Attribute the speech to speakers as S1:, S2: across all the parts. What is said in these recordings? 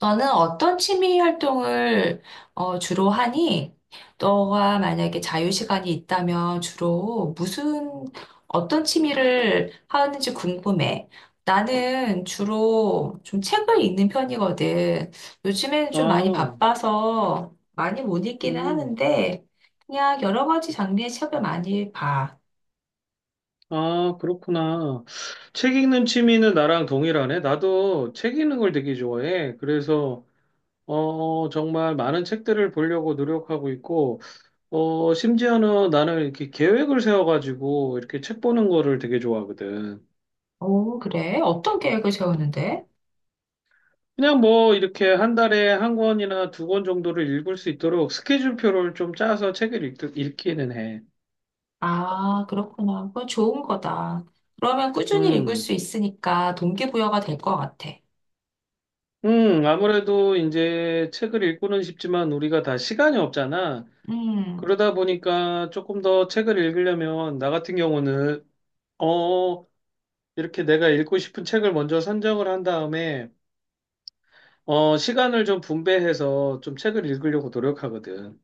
S1: 너는 어떤 취미 활동을 주로 하니? 너가 만약에 자유 시간이 있다면 주로 무슨 어떤 취미를 하는지 궁금해. 나는 주로 좀 책을 읽는 편이거든. 요즘에는 좀 많이
S2: 아,
S1: 바빠서 많이 못 읽기는
S2: 음,
S1: 하는데 그냥 여러 가지 장르의 책을 많이 봐.
S2: 아, 그렇구나. 책 읽는 취미는 나랑 동일하네. 나도 책 읽는 걸 되게 좋아해. 정말 많은 책들을 보려고 노력하고 있고, 심지어는 나는 이렇게 계획을 세워가지고 이렇게 책 보는 거를 되게 좋아하거든.
S1: 오, 그래? 어떤 계획을 세우는데?
S2: 그냥 뭐 이렇게 한 달에 한 권이나 두 권 정도를 읽을 수 있도록 스케줄표를 좀 짜서 책을 읽기는 해.
S1: 아, 그렇구나. 그건 좋은 거다. 그러면 꾸준히 읽을
S2: 음.
S1: 수 있으니까 동기부여가 될 것 같아.
S2: 아무래도 이제 책을 읽고는 싶지만 우리가 다 시간이 없잖아.
S1: 음.
S2: 그러다 보니까 조금 더 책을 읽으려면 나 같은 경우는 어, 이렇게 내가 읽고 싶은 책을 먼저 선정을 한 다음에 시간을 좀 분배해서 좀 책을 읽으려고 노력하거든.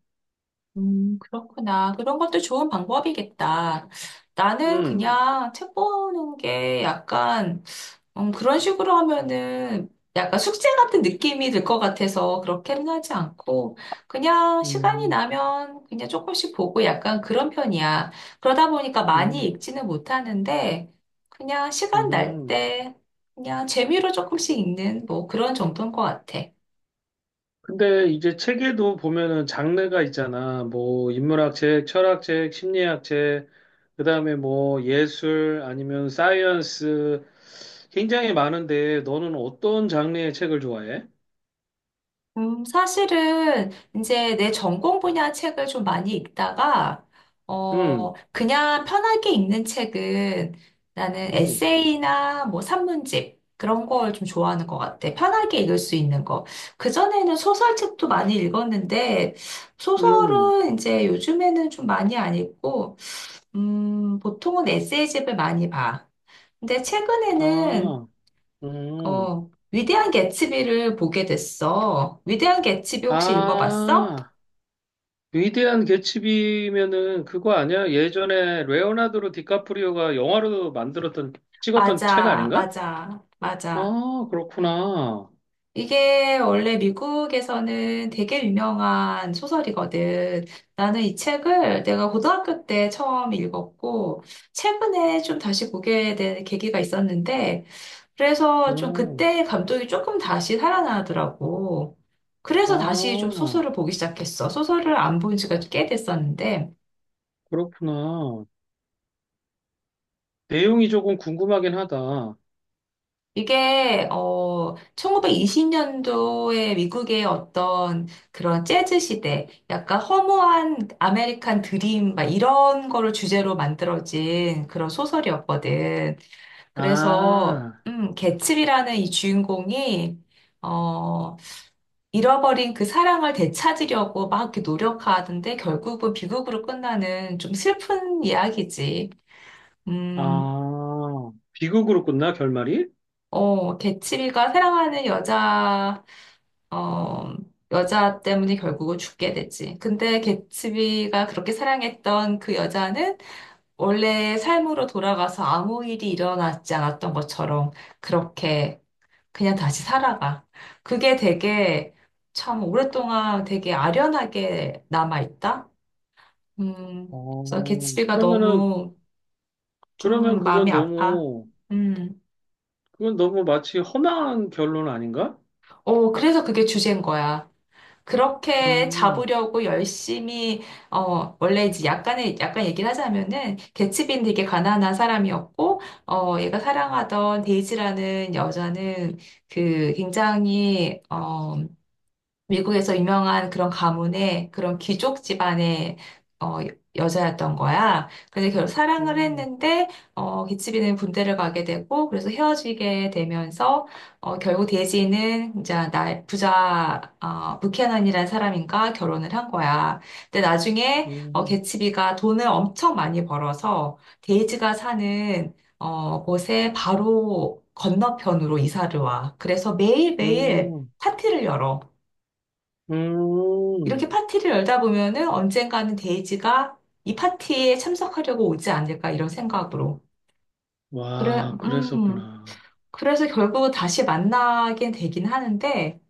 S1: 그렇구나. 그런 것도 좋은 방법이겠다. 나는
S2: 음.
S1: 그냥 책 보는 게 약간, 그런 식으로 하면은 약간 숙제 같은 느낌이 들 것 같아서 그렇게는 하지 않고, 그냥 시간이
S2: 음.
S1: 나면 그냥 조금씩 보고 약간 그런 편이야. 그러다 보니까 많이
S2: 음.
S1: 읽지는 못하는데, 그냥 시간 날
S2: 음.
S1: 때, 그냥 재미로 조금씩 읽는 뭐 그런 정도인 것 같아.
S2: 근데 이제 책에도 보면은 장르가 있잖아. 뭐 인문학 책, 철학 책, 심리학 책, 그다음에 뭐 예술 아니면 사이언스 굉장히 많은데 너는 어떤 장르의 책을 좋아해?
S1: 사실은 이제 내 전공 분야 책을 좀 많이 읽다가,
S2: 음.
S1: 그냥 편하게 읽는 책은 나는
S2: 음.
S1: 에세이나 뭐 산문집 그런 걸 좀 좋아하는 것 같아. 편하게 읽을 수 있는 거. 그전에는 소설책도 많이 읽었는데,
S2: 음.
S1: 소설은 이제 요즘에는 좀 많이 안 읽고, 보통은 에세이집을 많이 봐. 근데 최근에는
S2: 아. 음.
S1: 위대한 개츠비를 보게 됐어. 위대한 개츠비 혹시 읽어봤어?
S2: 아. 위대한 개츠비면은 그거 아니야? 예전에 레오나르도 디카프리오가 영화로 만들었던 찍었던 책
S1: 맞아,
S2: 아닌가?
S1: 맞아, 맞아.
S2: 아, 그렇구나.
S1: 이게 원래 미국에서는 되게 유명한 소설이거든. 나는 이 책을 내가 고등학교 때 처음 읽었고, 최근에 좀 다시 보게 된 계기가 있었는데, 그래서 좀
S2: 음.
S1: 그때 감독이 조금 다시 살아나더라고. 그래서 다시 좀
S2: 아,
S1: 소설을 보기 시작했어. 소설을 안 본 지가 꽤 됐었는데,
S2: 그렇구나. 내용이 조금 궁금하긴 하다.
S1: 이게 1920년도에 미국의 어떤 그런 재즈 시대, 약간 허무한 아메리칸 드림 막 이런 거를 주제로 만들어진 그런 소설이었거든. 그래서
S2: 아,
S1: 개츠비라는 이 주인공이 어 잃어버린 그 사랑을 되찾으려고 막 이렇게 노력하는데 결국은 비극으로 끝나는 좀 슬픈 이야기지. 음.
S2: 아, 비극으로 끝나, 결말이?
S1: 어, 개츠비가 사랑하는 여자 어, 여자 때문에 결국은 죽게 되지. 근데 개츠비가 그렇게 사랑했던 그 여자는 원래 삶으로 돌아가서 아무 일이 일어나지 않았던 것처럼 그렇게 그냥 다시 살아가. 그게 되게 참 오랫동안 되게 아련하게 남아있다. 음, 그래서
S2: 어,
S1: 개츠비가
S2: 그러면은,
S1: 너무
S2: 그러면
S1: 좀
S2: 그건
S1: 마음이 아파.
S2: 너무,
S1: 음,
S2: 그건 너무 마치 험한 결론 아닌가?
S1: 어, 그래서 그게 주제인 거야. 그렇게
S2: 음,
S1: 잡으려고 열심히 원래 이제 약간의 약간 얘기를 하자면은 개츠빈 되게 가난한 사람이었고 얘가 사랑하던 데이지라는 여자는 그 굉장히 미국에서 유명한 그런 가문의 그런 귀족 집안의 어, 여자였던 거야. 근데 결국 사랑을
S2: 음,
S1: 했는데 기치비는 군대를 가게 되고 그래서 헤어지게 되면서 결국 데이지는 이제 나 부자 어, 부캐넌이라는 사람인가 결혼을 한 거야. 근데 나중에
S2: 음,
S1: 개츠비가 돈을 엄청 많이 벌어서 데이지가 사는 곳에 바로 건너편으로 이사를 와. 그래서 매일매일
S2: 음,
S1: 파티를 열어. 이렇게
S2: 음.
S1: 파티를 열다 보면은 언젠가는 데이지가 이 파티에 참석하려고 오지 않을까 이런 생각으로. 그래,
S2: 와, 그랬었구나.
S1: 그래서 결국은 다시 만나게 되긴 하는데,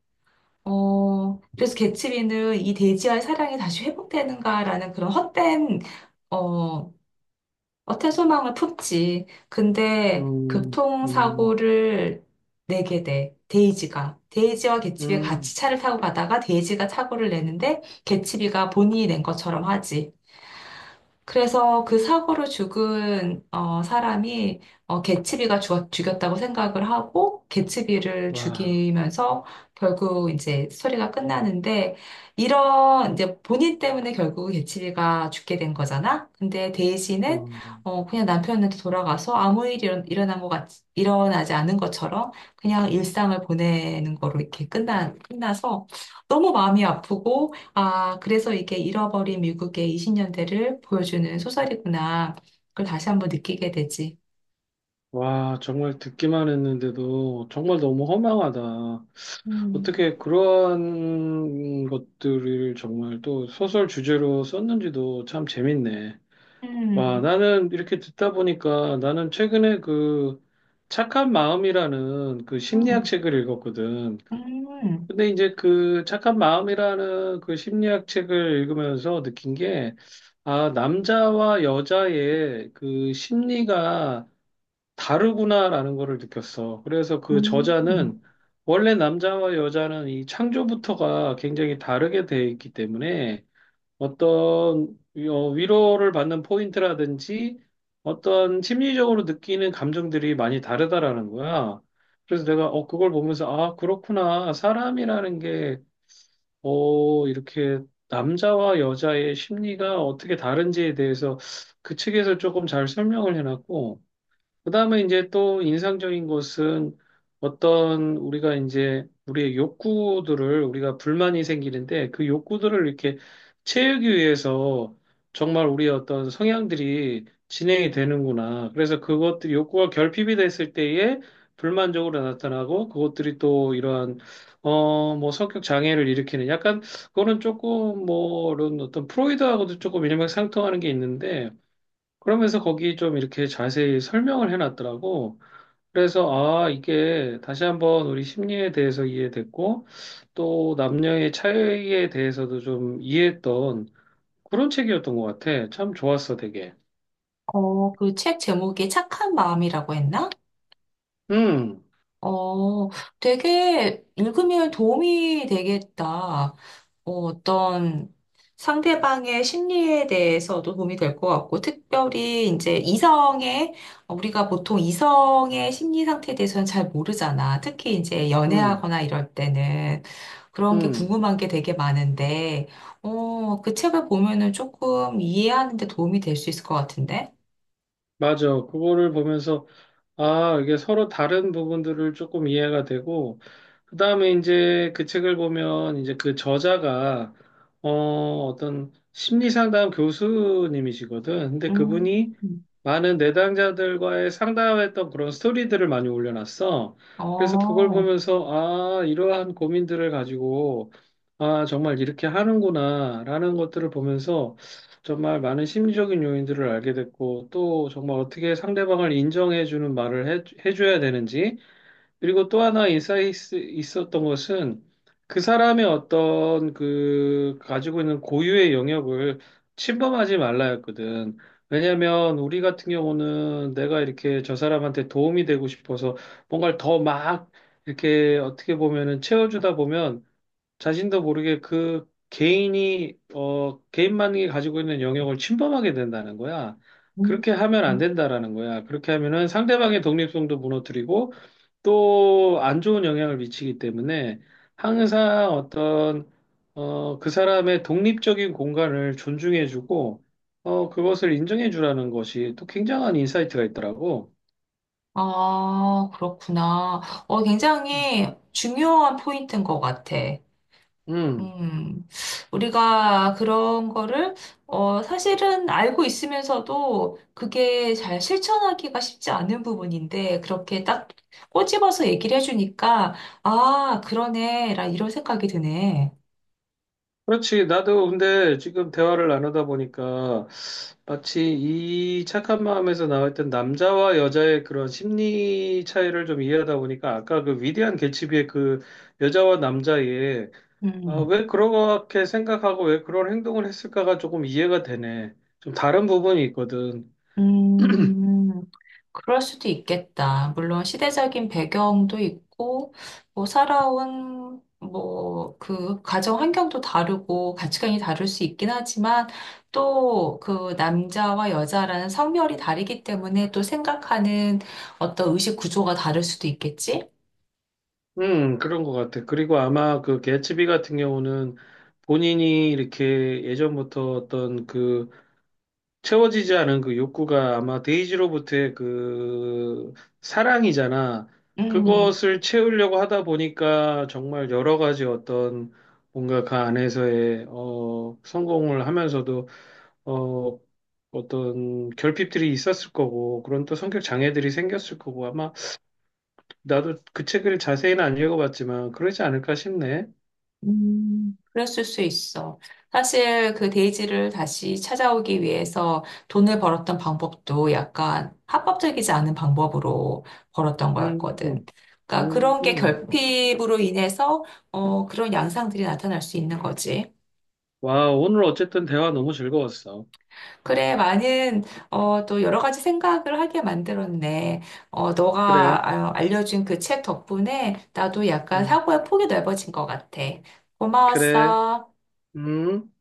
S1: 그래서 개츠비는 이 데이지와의 사랑이 다시 회복되는가라는 그런 헛된, 어, 헛된 소망을 품지. 근데
S2: 음, 음,
S1: 교통사고를 내게 돼. 데이지가. 데이지와 개츠비가 같이
S2: 음,
S1: 차를 타고 가다가 데이지가 사고를 내는데 개츠비가 본인이 낸 것처럼 하지. 그래서 그 사고로 죽은 사람이 죽였다고 생각을 하고 개츠비를
S2: 와,
S1: 죽이면서 결국 이제 스토리가 끝나는데 이런 이제 본인 때문에 결국 개츠비가 죽게 된 거잖아. 근데 데이지는
S2: 어,
S1: 그냥 남편한테 돌아가서 일어나지 않은 것처럼 그냥 일상을 보내는 거로 끝나서 너무 마음이 아프고 아, 그래서 이게 잃어버린 미국의 20년대를 보여주는 소설이구나. 그걸 다시 한번 느끼게 되지.
S2: 와, 정말 듣기만 했는데도 정말 너무 허망하다.
S1: 음.
S2: 어떻게 그런 것들을 정말 또 소설 주제로 썼는지도 참 재밌네. 와,
S1: 음,
S2: 나는 이렇게 듣다 보니까 나는 최근에 그 착한 마음이라는 그 심리학
S1: 음,
S2: 책을 읽었거든.
S1: 음,
S2: 근데 이제 그 착한 마음이라는 그 심리학 책을 읽으면서 느낀 게, 아, 남자와 여자의 그 심리가 다르구나라는 거를 느꼈어. 그래서 그
S1: 음.
S2: 저자는 원래 남자와 여자는 이 창조부터가 굉장히 다르게 돼 있기 때문에 위로를 받는 포인트라든지 어떤 심리적으로 느끼는 감정들이 많이 다르다라는 거야. 그래서 내가 그걸 보면서 아, 그렇구나. 사람이라는 게 이렇게 남자와 여자의 심리가 어떻게 다른지에 대해서 그 책에서 조금 잘 설명을 해놨고 그다음에 이제 또 인상적인 것은 어떤 우리가 이제 우리의 욕구들을 우리가 불만이 생기는데 그 욕구들을 이렇게 채우기 위해서 정말 우리의 어떤 성향들이 진행이 되는구나. 그래서 그것들이 욕구가 결핍이 됐을 때에 불만적으로 나타나고 그것들이 또 이러한 뭐 성격 장애를 일으키는 약간 그거는 조금 뭐 이런 어떤 프로이드하고도 조금 일맥상통하는 게 있는데 그러면서 거기 좀 이렇게 자세히 설명을 해놨더라고. 그래서, 아, 이게 다시 한번 우리 심리에 대해서 이해됐고, 또 남녀의 차이에 대해서도 좀 이해했던 그런 책이었던 것 같아. 참 좋았어, 되게.
S1: 어, 그 책 제목이 착한 마음이라고 했나?
S2: 음,
S1: 어, 되게 읽으면 도움이 되겠다. 어, 어떤 상대방의 심리에 대해서도 도움이 될 것 같고, 특별히 이제 이성의, 우리가 보통 이성의 심리 상태에 대해서는 잘 모르잖아. 특히 이제
S2: 음,
S1: 연애하거나 이럴 때는 그런 게
S2: 음.
S1: 궁금한 게 되게 많은데, 그 책을 보면은 조금 이해하는 데 도움이 될 수 있을 것 같은데?
S2: 맞아. 그거를 보면서 아, 이게 서로 다른 부분들을 조금 이해가 되고, 그 다음에 이제 그 책을 보면 이제 그 저자가, 어, 어떤 심리상담 교수님이시거든. 근데
S1: 음,
S2: 그분이 많은 내담자들과의 상담했던 그런 스토리들을 많이 올려놨어. 그래서 그걸
S1: 어,
S2: 보면서, 아, 이러한 고민들을 가지고, 아, 정말 이렇게 하는구나, 라는 것들을 보면서 정말 많은 심리적인 요인들을 알게 됐고, 또 정말 어떻게 상대방을 인정해주는 말을 해줘야 되는지, 그리고 또 하나 인사이트 있었던 것은 그 사람의 어떤 그 가지고 있는 고유의 영역을 침범하지 말라였거든. 왜냐하면 우리 같은 경우는 내가 이렇게 저 사람한테 도움이 되고 싶어서 뭔가를 더 막 이렇게 어떻게 보면은 채워주다 보면 자신도 모르게 그 개인이, 개인만이 가지고 있는 영역을 침범하게 된다는 거야.
S1: 음.
S2: 그렇게 하면 안 된다라는 거야. 그렇게 하면은 상대방의 독립성도 무너뜨리고 또 안 좋은 영향을 미치기 때문에 항상 어떤, 그 사람의 독립적인 공간을 존중해주고, 그것을 인정해주라는 것이 또 굉장한 인사이트가 있더라고.
S1: 아, 그렇구나. 어, 굉장히 중요한 포인트인 것 같아.
S2: 음.
S1: 음, 우리가 그런 거를, 사실은 알고 있으면서도 그게 잘 실천하기가 쉽지 않은 부분인데, 그렇게 딱 꼬집어서 얘기를 해주니까, 아, 그러네, 라 이런 생각이 드네.
S2: 그렇지. 나도 근데 지금 대화를 나누다 보니까 마치 이 착한 마음에서 나왔던 남자와 여자의 그런 심리 차이를 좀 이해하다 보니까 아까 그 위대한 개츠비의 그 여자와 남자의 아,
S1: 음,
S2: 왜 그렇게 생각하고 왜 그런 행동을 했을까가 조금 이해가 되네. 좀 다른 부분이 있거든.
S1: 음. 그럴 수도 있겠다. 물론 시대적인 배경도 있고, 뭐, 살아온, 뭐, 그, 가정 환경도 다르고, 가치관이 다를 수 있긴 하지만, 또, 그, 남자와 여자라는 성별이 다르기 때문에 또 생각하는 어떤 의식 구조가 다를 수도 있겠지?
S2: 그런 것 같아. 그리고 아마 그 개츠비 같은 경우는 본인이 이렇게 예전부터 어떤 그 채워지지 않은 그 욕구가 아마 데이지로부터의 그 사랑이잖아.
S1: 음.
S2: 그것을 채우려고 하다 보니까 정말 여러 가지 어떤 뭔가 그 안에서의 성공을 하면서도 어 어떤 결핍들이 있었을 거고 그런 또 성격 장애들이 생겼을 거고 아마 나도 그 책을 자세히는 안 읽어봤지만 그러지 않을까 싶네.
S1: 그랬을 수 있어. 사실 그 데이지를 다시 찾아오기 위해서 돈을 벌었던 방법도 약간 합법적이지 않은 방법으로 벌었던
S2: 음,
S1: 거였거든.
S2: 음.
S1: 그러니까 그런 게
S2: 음.
S1: 결핍으로 인해서 그런 양상들이 나타날 수 있는 거지.
S2: 와, 오늘 어쨌든 대화 너무 즐거웠어.
S1: 그래, 많은 또 여러 가지 생각을 하게 만들었네.
S2: 그래.
S1: 너가 알려준 그 책 덕분에 나도 약간
S2: 음,
S1: 사고의 폭이 넓어진 것 같아.
S2: 그래.
S1: 고마웠어.
S2: 음.